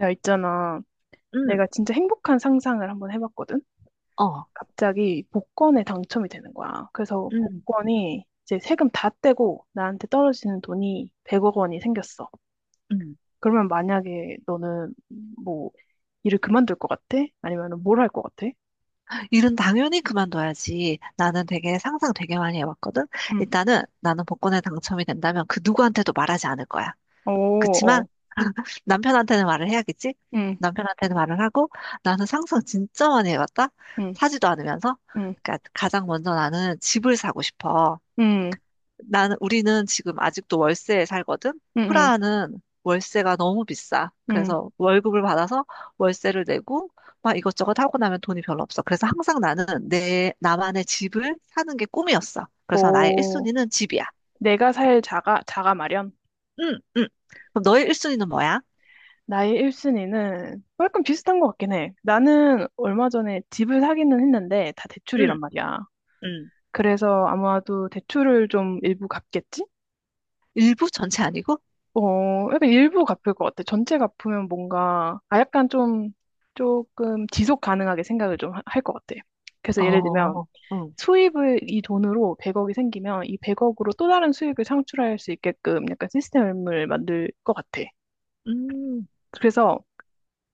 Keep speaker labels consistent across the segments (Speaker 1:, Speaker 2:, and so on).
Speaker 1: 야, 있잖아.
Speaker 2: 응,
Speaker 1: 내가 진짜 행복한 상상을 한번 해봤거든?
Speaker 2: 어.
Speaker 1: 갑자기 복권에 당첨이 되는 거야. 그래서
Speaker 2: 응,
Speaker 1: 복권이 이제 세금 다 떼고 나한테 떨어지는 돈이 100억 원이 생겼어.
Speaker 2: 응,
Speaker 1: 그러면 만약에 너는 뭐 일을 그만둘 것 같아? 아니면 뭘 할 것 같아?
Speaker 2: 일은 당연히 그만둬야지. 나는 되게 상상 되게 많이 해봤거든.
Speaker 1: 응.
Speaker 2: 일단은 나는 복권에 당첨이 된다면 그 누구한테도 말하지 않을 거야.
Speaker 1: 오,
Speaker 2: 그치만
Speaker 1: 어.
Speaker 2: 남편한테는 말을 해야겠지?
Speaker 1: 응,
Speaker 2: 남편한테는 말을 하고 나는 상상 진짜 많이 해봤다.
Speaker 1: 응,
Speaker 2: 사지도 않으면서.
Speaker 1: 응,
Speaker 2: 그러니까 가장 먼저 나는 집을 사고 싶어.
Speaker 1: 응,
Speaker 2: 나는 우리는 지금 아직도 월세에 살거든.
Speaker 1: 응, 응,
Speaker 2: 프라하는 월세가 너무 비싸.
Speaker 1: 응.
Speaker 2: 그래서 월급을 받아서 월세를 내고 막 이것저것 하고 나면 돈이 별로 없어. 그래서 항상 나는 내 나만의 집을 사는 게 꿈이었어. 그래서 나의
Speaker 1: 오,
Speaker 2: 1순위는 집이야.
Speaker 1: 내가 살 자가 마련?
Speaker 2: 응, 응. 그럼 너의 1순위는 뭐야?
Speaker 1: 나의 1순위는 약간 비슷한 것 같긴 해. 나는 얼마 전에 집을 사기는 했는데 다 대출이란
Speaker 2: 응,
Speaker 1: 말이야.
Speaker 2: 응.
Speaker 1: 그래서 아마도 대출을 좀 일부 갚겠지?
Speaker 2: 일부 전체 아니고?
Speaker 1: 어, 약간 일부 갚을 것 같아. 전체 갚으면 뭔가, 아, 약간 좀, 조금 지속 가능하게 생각을 좀 할 것 같아. 그래서 예를 들면,
Speaker 2: 어, 응,
Speaker 1: 수입을 이 돈으로 100억이 생기면 이 100억으로 또 다른 수익을 창출할 수 있게끔 약간 시스템을 만들 것 같아.
Speaker 2: 음,
Speaker 1: 그래서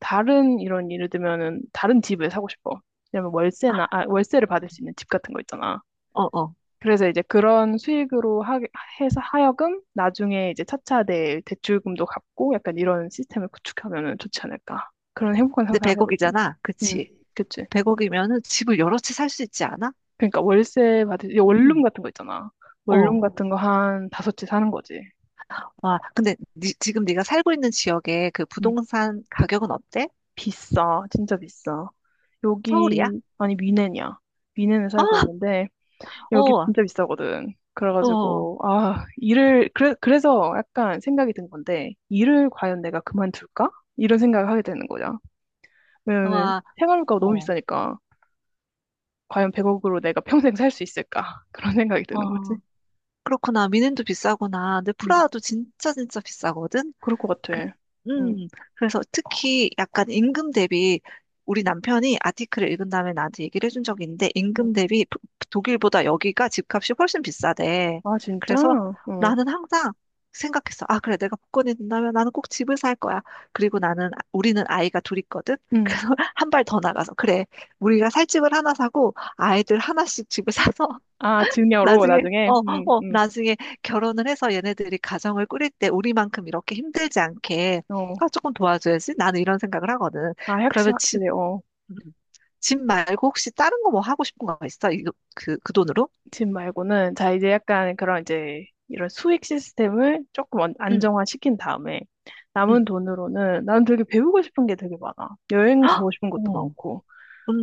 Speaker 1: 다른 이런 예를 들면은 다른 집을 사고 싶어. 왜냐면 월세나 아, 월세를 받을 수 있는 집 같은 거 있잖아.
Speaker 2: 어, 어.
Speaker 1: 그래서 이제 그런 수익으로 해서 하여금 나중에 이제 차차 내 대출금도 갚고 약간 이런 시스템을 구축하면은 좋지 않을까. 그런 행복한
Speaker 2: 근데
Speaker 1: 상상을 해보지.
Speaker 2: 100억이잖아.
Speaker 1: 음,
Speaker 2: 그치?
Speaker 1: 그치.
Speaker 2: 100억이면은 집을 여러 채 살 수 있지 않아?
Speaker 1: 그러니까 월세 받을, 이 원룸
Speaker 2: 응,
Speaker 1: 같은 거 있잖아.
Speaker 2: 어.
Speaker 1: 원룸 같은 거 한 다섯 채 사는 거지.
Speaker 2: 와, 근데 지금 네가 살고 있는 지역의 그
Speaker 1: 음,
Speaker 2: 부동산 가격은 어때?
Speaker 1: 비싸. 진짜 비싸.
Speaker 2: 서울이야?
Speaker 1: 여기, 아니, 미넨이야. 미넨에 살고
Speaker 2: 아,
Speaker 1: 있는데, 여기
Speaker 2: 어,
Speaker 1: 진짜 비싸거든.
Speaker 2: 어,
Speaker 1: 그래가지고, 아, 일을, 그래, 그래서 약간 생각이 든 건데, 일을 과연 내가 그만둘까? 이런 생각을 하게 되는 거죠. 왜냐면은
Speaker 2: 와,
Speaker 1: 생활비가 너무
Speaker 2: 어,
Speaker 1: 비싸니까, 과연 100억으로 내가 평생 살 수 있을까? 그런 생각이 드는 거지.
Speaker 2: 어. 그렇구나. 미넨도 비싸구나. 근데
Speaker 1: 음,
Speaker 2: 프라하도 진짜 진짜 비싸거든.
Speaker 1: 그럴 것
Speaker 2: 그-
Speaker 1: 같아. 음,
Speaker 2: 음, 그래서 특히 약간 임금 대비 우리 남편이 아티클을 읽은 다음에 나한테 얘기를 해준 적이 있는데
Speaker 1: 음.
Speaker 2: 임금 대비 독일보다 여기가 집값이 훨씬 비싸대.
Speaker 1: 아, 진짜?
Speaker 2: 그래서
Speaker 1: 어,
Speaker 2: 나는 항상 생각했어. 아, 그래. 내가 복권이 된다면 나는 꼭 집을 살 거야. 그리고 우리는 아이가 둘 있거든?
Speaker 1: 음.
Speaker 2: 그래서 한 발 더 나가서. 그래. 우리가 살 집을 하나 사고 아이들 하나씩 집을 사서
Speaker 1: 아, 증여로
Speaker 2: 나중에,
Speaker 1: 나중에?
Speaker 2: 어, 어, 나중에 결혼을 해서 얘네들이 가정을 꾸릴 때 우리만큼 이렇게 힘들지 않게,
Speaker 1: 어.
Speaker 2: 아, 조금 도와줘야지. 나는 이런 생각을 하거든.
Speaker 1: 아, 확실,
Speaker 2: 그러면 집,
Speaker 1: 확실히, 어.
Speaker 2: 음, 집 말고 혹시 다른 거 뭐 하고 싶은 거 있어? 그 돈으로?
Speaker 1: 집 말고는 자 이제 약간 그런 이제 이런 수익 시스템을 조금 안-
Speaker 2: 응,
Speaker 1: 안정화시킨 다음에 남은
Speaker 2: 응.
Speaker 1: 돈으로는 나는 되게 배우고 싶은 게 되게 많아. 여행 가고
Speaker 2: 헉!
Speaker 1: 싶은 것도
Speaker 2: 어,
Speaker 1: 많고.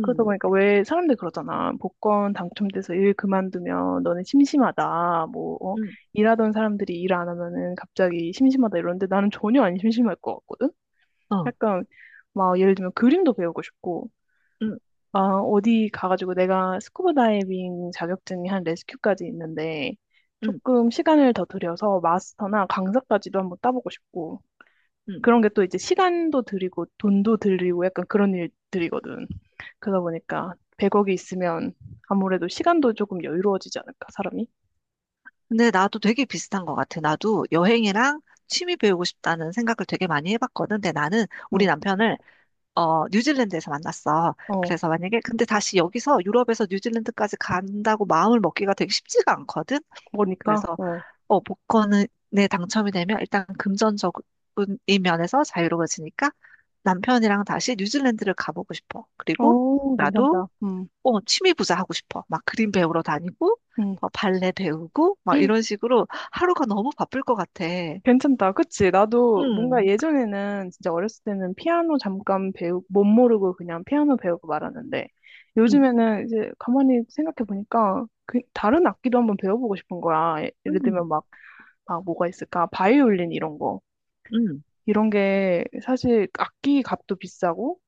Speaker 1: 그러다 보니까 왜 사람들 이 그러잖아. 복권 당첨돼서 일 그만두면 너네 심심하다. 뭐 어?
Speaker 2: 응,
Speaker 1: 일하던 사람들이 일 안 하면은 갑자기 심심하다 이러는데 나는 전혀 안 심심할 것 같거든.
Speaker 2: 어,
Speaker 1: 약간 막 예를 들면 그림도 배우고 싶고
Speaker 2: 응,
Speaker 1: 아, 어디 가가지고 내가 스쿠버 다이빙 자격증이 한 레스큐까지 있는데
Speaker 2: 응,
Speaker 1: 조금 시간을 더 들여서 마스터나 강사까지도 한번 따보고 싶고
Speaker 2: 응.
Speaker 1: 그런 게 또 이제 시간도 들이고 돈도 들이고 약간 그런 일들이거든. 그러다 보니까 100억이 있으면 아무래도 시간도 조금 여유로워지지 않을까, 사람이?
Speaker 2: 근데 나도 되게 비슷한 것 같아. 나도 여행이랑 취미 배우고 싶다는 생각을 되게 많이 해봤거든. 근데 나는 우리
Speaker 1: 응,
Speaker 2: 남편을 뉴질랜드에서 만났어.
Speaker 1: 어,
Speaker 2: 그래서 만약에, 근데 다시 여기서 유럽에서 뉴질랜드까지 간다고 마음을 먹기가 되게 쉽지가 않거든?
Speaker 1: 그러니까,
Speaker 2: 그래서,
Speaker 1: 어,
Speaker 2: 복권에 당첨이 되면 일단 금전적인 면에서 자유로워지니까 남편이랑 다시 뉴질랜드를 가보고 싶어. 그리고
Speaker 1: 어,
Speaker 2: 나도,
Speaker 1: 괜찮다.
Speaker 2: 취미 부자 하고 싶어. 막 그림 배우러 다니고, 뭐 발레 배우고, 막
Speaker 1: 음.
Speaker 2: 이런 식으로 하루가 너무 바쁠 것 같아. 응,
Speaker 1: 괜찮다. 그치? 나도 뭔가 예전에는 진짜 어렸을 때는 피아노 잠깐 못 모르고 그냥 피아노 배우고 말았는데
Speaker 2: 응,
Speaker 1: 요즘에는 이제 가만히 생각해 보니까 그 다른 악기도 한번 배워보고 싶은 거야. 예를 들면
Speaker 2: 응,
Speaker 1: 막, 막 뭐가 있을까? 바이올린 이런 거.
Speaker 2: 응,
Speaker 1: 이런 게 사실 악기 값도 비싸고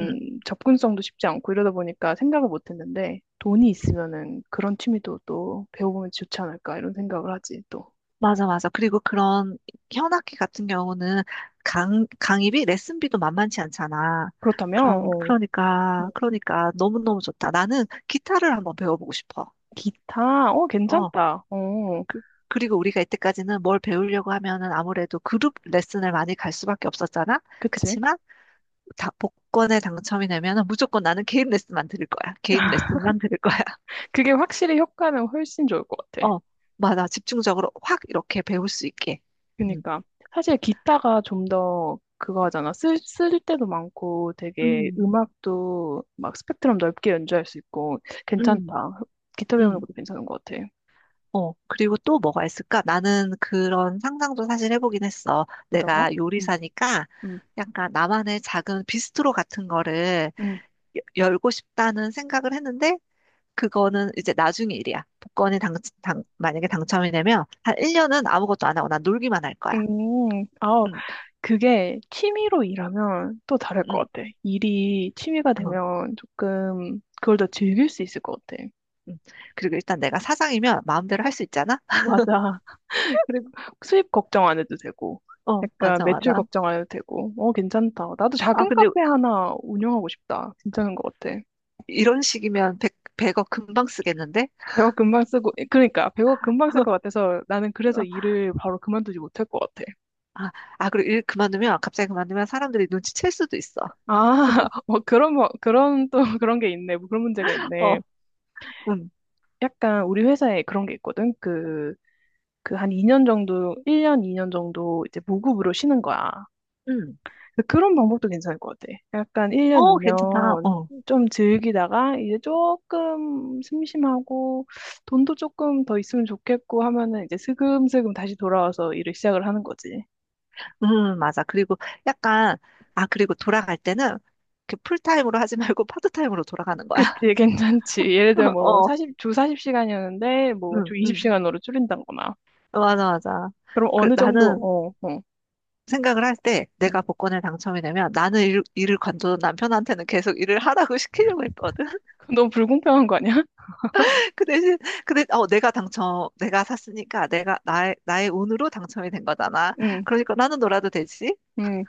Speaker 2: 응.
Speaker 1: 접근성도 쉽지 않고 이러다 보니까 생각을 못 했는데 돈이 있으면은 그런 취미도 또 배워보면 좋지 않을까 이런 생각을 하지 또.
Speaker 2: 맞아, 맞아. 그리고 그런 현악기 같은 경우는 강의비, 레슨비도 만만치 않잖아.
Speaker 1: 그렇다면,
Speaker 2: 그럼,
Speaker 1: 어.
Speaker 2: 그러니까 너무너무 좋다. 나는 기타를 한번 배워보고 싶어.
Speaker 1: 기타? 어,
Speaker 2: 어.
Speaker 1: 괜찮다. 어,
Speaker 2: 그, 그리고 우리가 이때까지는 뭘 배우려고 하면은 아무래도 그룹 레슨을 많이 갈 수밖에 없었잖아.
Speaker 1: 그치?
Speaker 2: 그치만, 복권에 당첨이 되면은 무조건 나는 개인 레슨만 들을 거야. 개인 레슨만 들을 거야.
Speaker 1: 그게 확실히 효과는 훨씬 좋을 것 같아.
Speaker 2: 어. 맞아. 집중적으로 확 이렇게 배울 수 있게. 음,
Speaker 1: 그니까. 사실 기타가 좀 더 그거 하잖아. 쓸 때도 많고 되게
Speaker 2: 음,
Speaker 1: 음악도 막 스펙트럼 넓게 연주할 수 있고
Speaker 2: 음.
Speaker 1: 괜찮다. 기타 배우는
Speaker 2: 음.
Speaker 1: 것도 괜찮은 것 같아.
Speaker 2: 어, 그리고 또 뭐가 있을까? 나는 그런 상상도 사실 해보긴 했어.
Speaker 1: 어떤가?
Speaker 2: 내가
Speaker 1: 음,
Speaker 2: 요리사니까
Speaker 1: 음,
Speaker 2: 약간 나만의 작은 비스트로 같은 거를
Speaker 1: 음.
Speaker 2: 여- 열고 싶다는 생각을 했는데, 그거는 이제 나중에 일이야. 만약에 당첨이 되면 한 1년은 아무것도 안 하고 난 놀기만 할 거야.
Speaker 1: 아,
Speaker 2: 응,
Speaker 1: 그게 취미로 일하면 또 다를
Speaker 2: 응,
Speaker 1: 것 같아. 일이 취미가
Speaker 2: 어,
Speaker 1: 되면 조금 그걸 더 즐길 수 있을 것 같아.
Speaker 2: 응. 그리고 일단 내가 사장이면 마음대로 할 수 있잖아?
Speaker 1: 맞아. 그리고 수입 걱정 안 해도 되고,
Speaker 2: 어,
Speaker 1: 약간
Speaker 2: 맞아,
Speaker 1: 매출
Speaker 2: 맞아.
Speaker 1: 걱정 안 해도 되고, 어, 괜찮다. 나도
Speaker 2: 아,
Speaker 1: 작은
Speaker 2: 근데
Speaker 1: 카페 하나 운영하고 싶다. 괜찮은 것 같아.
Speaker 2: 이런 식이면 백백 100억 금방 쓰겠는데?
Speaker 1: 백억 금방 쓰고, 그러니까 백억 금방 쓸 것 같아서 나는 그래서 일을 바로 그만두지 못할 것 같아.
Speaker 2: 아, 아, 그리고 일 그만두면, 갑자기 그만두면 사람들이 눈치챌 수도 있어.
Speaker 1: 아, 뭐 그런, 뭐, 그런 또 그런 게 있네. 뭐 그런 문제가
Speaker 2: 어,
Speaker 1: 있네.
Speaker 2: 음,
Speaker 1: 약간 우리 회사에 그런 게 있거든. 그 한 2년 정도, 1년, 2년 정도 이제 무급으로 쉬는 거야.
Speaker 2: 음.
Speaker 1: 그런 방법도 괜찮을 것 같아. 약간 1년,
Speaker 2: 어, 괜찮다.
Speaker 1: 2년
Speaker 2: 어,
Speaker 1: 좀 즐기다가 이제 조금 심심하고 돈도 조금 더 있으면 좋겠고 하면은 이제 슬금슬금 다시 돌아와서 일을 시작을 하는 거지.
Speaker 2: 맞아. 그리고 약간, 아, 그리고 돌아갈 때는 그 풀타임으로 하지 말고 파트타임으로 돌아가는 거야.
Speaker 1: 그치, 괜찮지. 예를 들어 뭐
Speaker 2: 어,
Speaker 1: 40, 주 40시간이었는데 뭐
Speaker 2: 응,
Speaker 1: 주
Speaker 2: 응.
Speaker 1: 20시간으로 줄인다거나.
Speaker 2: 맞아, 맞아.
Speaker 1: 그럼
Speaker 2: 그,
Speaker 1: 어느 정도,
Speaker 2: 나는
Speaker 1: 어, 어.
Speaker 2: 생각을 할 때 내가 복권에 당첨이 되면 나는 일을 관둬도 남편한테는 계속 일을 하라고 시키려고 했거든.
Speaker 1: 그건 너무 불공평한 거 아니야?
Speaker 2: 그 대신, 그 대신, 어, 내가 샀으니까 나의 운으로 당첨이 된 거잖아.
Speaker 1: 응,
Speaker 2: 그러니까 나는 놀아도 되지.
Speaker 1: 응.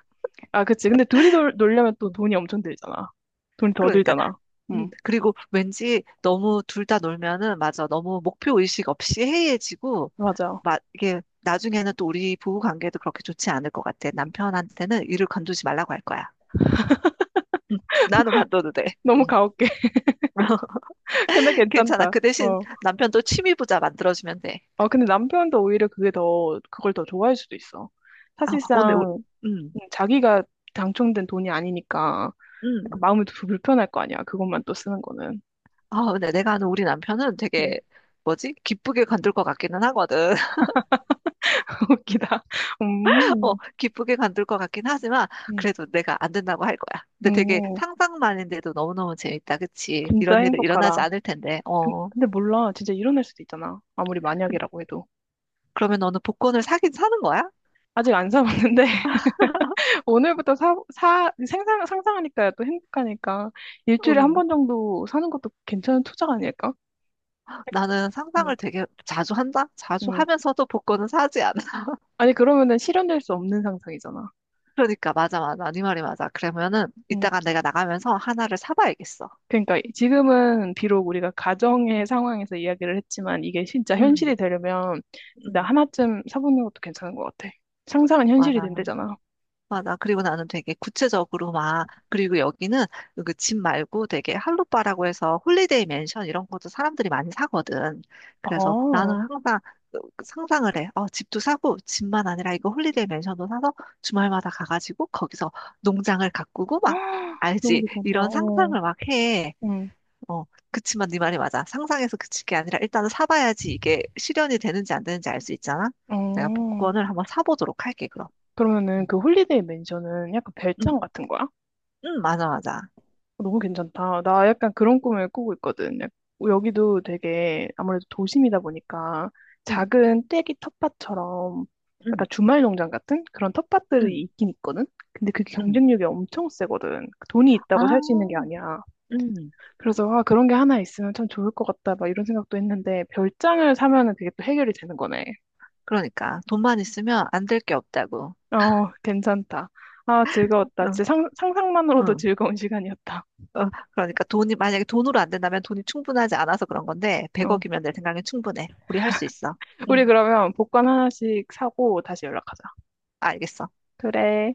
Speaker 1: 아, 그치. 근데 둘이 놀려면 또
Speaker 2: 음,
Speaker 1: 돈이 엄청 들잖아. 돈이 더
Speaker 2: 그러니까.
Speaker 1: 들잖아. 응,
Speaker 2: 그리고 왠지 너무 둘 다 놀면은, 맞아. 너무 목표 의식 없이 해이해지고,
Speaker 1: 맞아.
Speaker 2: 막, 이게, 나중에는 또 우리 부부 관계도 그렇게 좋지 않을 것 같아. 남편한테는 일을 관두지 말라고 할 거야. 음, 나는 관둬도 돼.
Speaker 1: 너무
Speaker 2: 음.
Speaker 1: 가혹해. 근데
Speaker 2: 괜찮아.
Speaker 1: 괜찮다.
Speaker 2: 그 대신
Speaker 1: 어.
Speaker 2: 남편도 취미 부자 만들어주면 돼.
Speaker 1: 어, 근데 남편도 오히려 그게 더, 그걸 더 좋아할 수도 있어.
Speaker 2: 아, 오늘,
Speaker 1: 사실상
Speaker 2: 음,
Speaker 1: 자기가 당첨된 돈이 아니니까
Speaker 2: 음.
Speaker 1: 약간 마음이 더 불편할 거 아니야. 그것만 또 쓰는 거는.
Speaker 2: 아, 근데 내가 아는 우리 남편은
Speaker 1: 음.
Speaker 2: 되게 뭐지? 기쁘게 관둘 것 같기는 하거든.
Speaker 1: 웃기다.
Speaker 2: 어,
Speaker 1: 음,
Speaker 2: 기쁘게 관둘 것 같긴 하지만
Speaker 1: 음,
Speaker 2: 그래도 내가 안 된다고 할 거야. 근데 되게
Speaker 1: 음,
Speaker 2: 상상만인데도 너무너무 재밌다. 그치?
Speaker 1: 진짜
Speaker 2: 이런 일은 일어나지
Speaker 1: 행복하다.
Speaker 2: 않을 텐데.
Speaker 1: 근-
Speaker 2: 어.
Speaker 1: 근데 몰라. 진짜 일어날 수도 있잖아. 아무리
Speaker 2: 그,
Speaker 1: 만약이라고 해도.
Speaker 2: 그러면 너는 복권을 사긴 사는 거야?
Speaker 1: 아직 안 사봤는데 오늘부터 상상하니까 또 행복하니까 일주일에 한
Speaker 2: 음
Speaker 1: 번 정도 사는 것도 괜찮은 투자가 아닐까?
Speaker 2: 나는
Speaker 1: 음,
Speaker 2: 상상을 되게 자주 한다? 자주
Speaker 1: 음.
Speaker 2: 하면서도 복권은 사지 않아.
Speaker 1: 아니, 그러면은 실현될 수 없는 상상이잖아.
Speaker 2: 그러니까 맞아, 맞아. 네 말이 맞아. 그러면은
Speaker 1: 응,
Speaker 2: 이따가 내가 나가면서 하나를 사봐야겠어.
Speaker 1: 그러니까 지금은 비록 우리가 가정의 상황에서 이야기를 했지만 이게 진짜 현실이
Speaker 2: 응.
Speaker 1: 되려면 진짜
Speaker 2: 응.
Speaker 1: 하나쯤 사보는 것도 괜찮은 것 같아. 상상은 현실이
Speaker 2: 맞아.
Speaker 1: 된대잖아.
Speaker 2: 맞아. 그리고 나는 되게 구체적으로 막, 그리고 여기는 그 집 말고 되게 할로빠라고 해서 홀리데이 맨션 이런 것도 사람들이 많이 사거든. 그래서
Speaker 1: 아,
Speaker 2: 나는 항상 그 상상을 해. 어, 집도 사고, 집만 아니라 이거 홀리데이 맨션도 사서 주말마다 가가지고 거기서 농장을 가꾸고 막,
Speaker 1: 너무
Speaker 2: 알지?
Speaker 1: 괜찮다.
Speaker 2: 이런
Speaker 1: 어,
Speaker 2: 상상을 막 해.
Speaker 1: 응.
Speaker 2: 어, 그치만 네 말이 맞아. 상상해서 그칠 게 아니라 일단은 사봐야지 이게 실현이 되는지 안 되는지 알 수 있잖아. 내가
Speaker 1: 어.
Speaker 2: 복권을 한번 사보도록 할게, 그럼.
Speaker 1: 그러면은
Speaker 2: 음.
Speaker 1: 그 홀리데이 맨션은 약간
Speaker 2: 음.
Speaker 1: 별장 같은 거야?
Speaker 2: 응, 맞아, 맞아.
Speaker 1: 어, 너무 괜찮다. 나 약간 그런 꿈을 꾸고 있거든. 여기도 되게 아무래도 도심이다 보니까
Speaker 2: 응,
Speaker 1: 작은 떼기 텃밭처럼
Speaker 2: 응,
Speaker 1: 약간 주말 농장 같은 그런 텃밭들이
Speaker 2: 응,
Speaker 1: 있긴 있거든. 근데 그게
Speaker 2: 응.
Speaker 1: 경쟁력이 엄청 세거든. 그 돈이
Speaker 2: 아,
Speaker 1: 있다고 살 수 있는 게 아니야.
Speaker 2: 응.
Speaker 1: 그래서 아, 그런 게 하나 있으면 참 좋을 것 같다. 막 이런 생각도 했는데 별장을 사면은 그게 또 해결이 되는 거네.
Speaker 2: 그러니까 돈만 있으면 안 될 게 없다고.
Speaker 1: 어, 괜찮다. 아, 즐거웠다.
Speaker 2: 응,
Speaker 1: 진짜 상상만으로도
Speaker 2: 응.
Speaker 1: 즐거운 시간이었다.
Speaker 2: 어, 그러니까 돈이 만약에 돈으로 안 된다면 돈이 충분하지 않아서 그런 건데
Speaker 1: 어.
Speaker 2: 100억이면 내 생각엔 충분해. 우리 할 수 있어.
Speaker 1: 우리
Speaker 2: 응,
Speaker 1: 그러면 복권 하나씩 사고 다시 연락하자.
Speaker 2: 알겠어.
Speaker 1: 그래.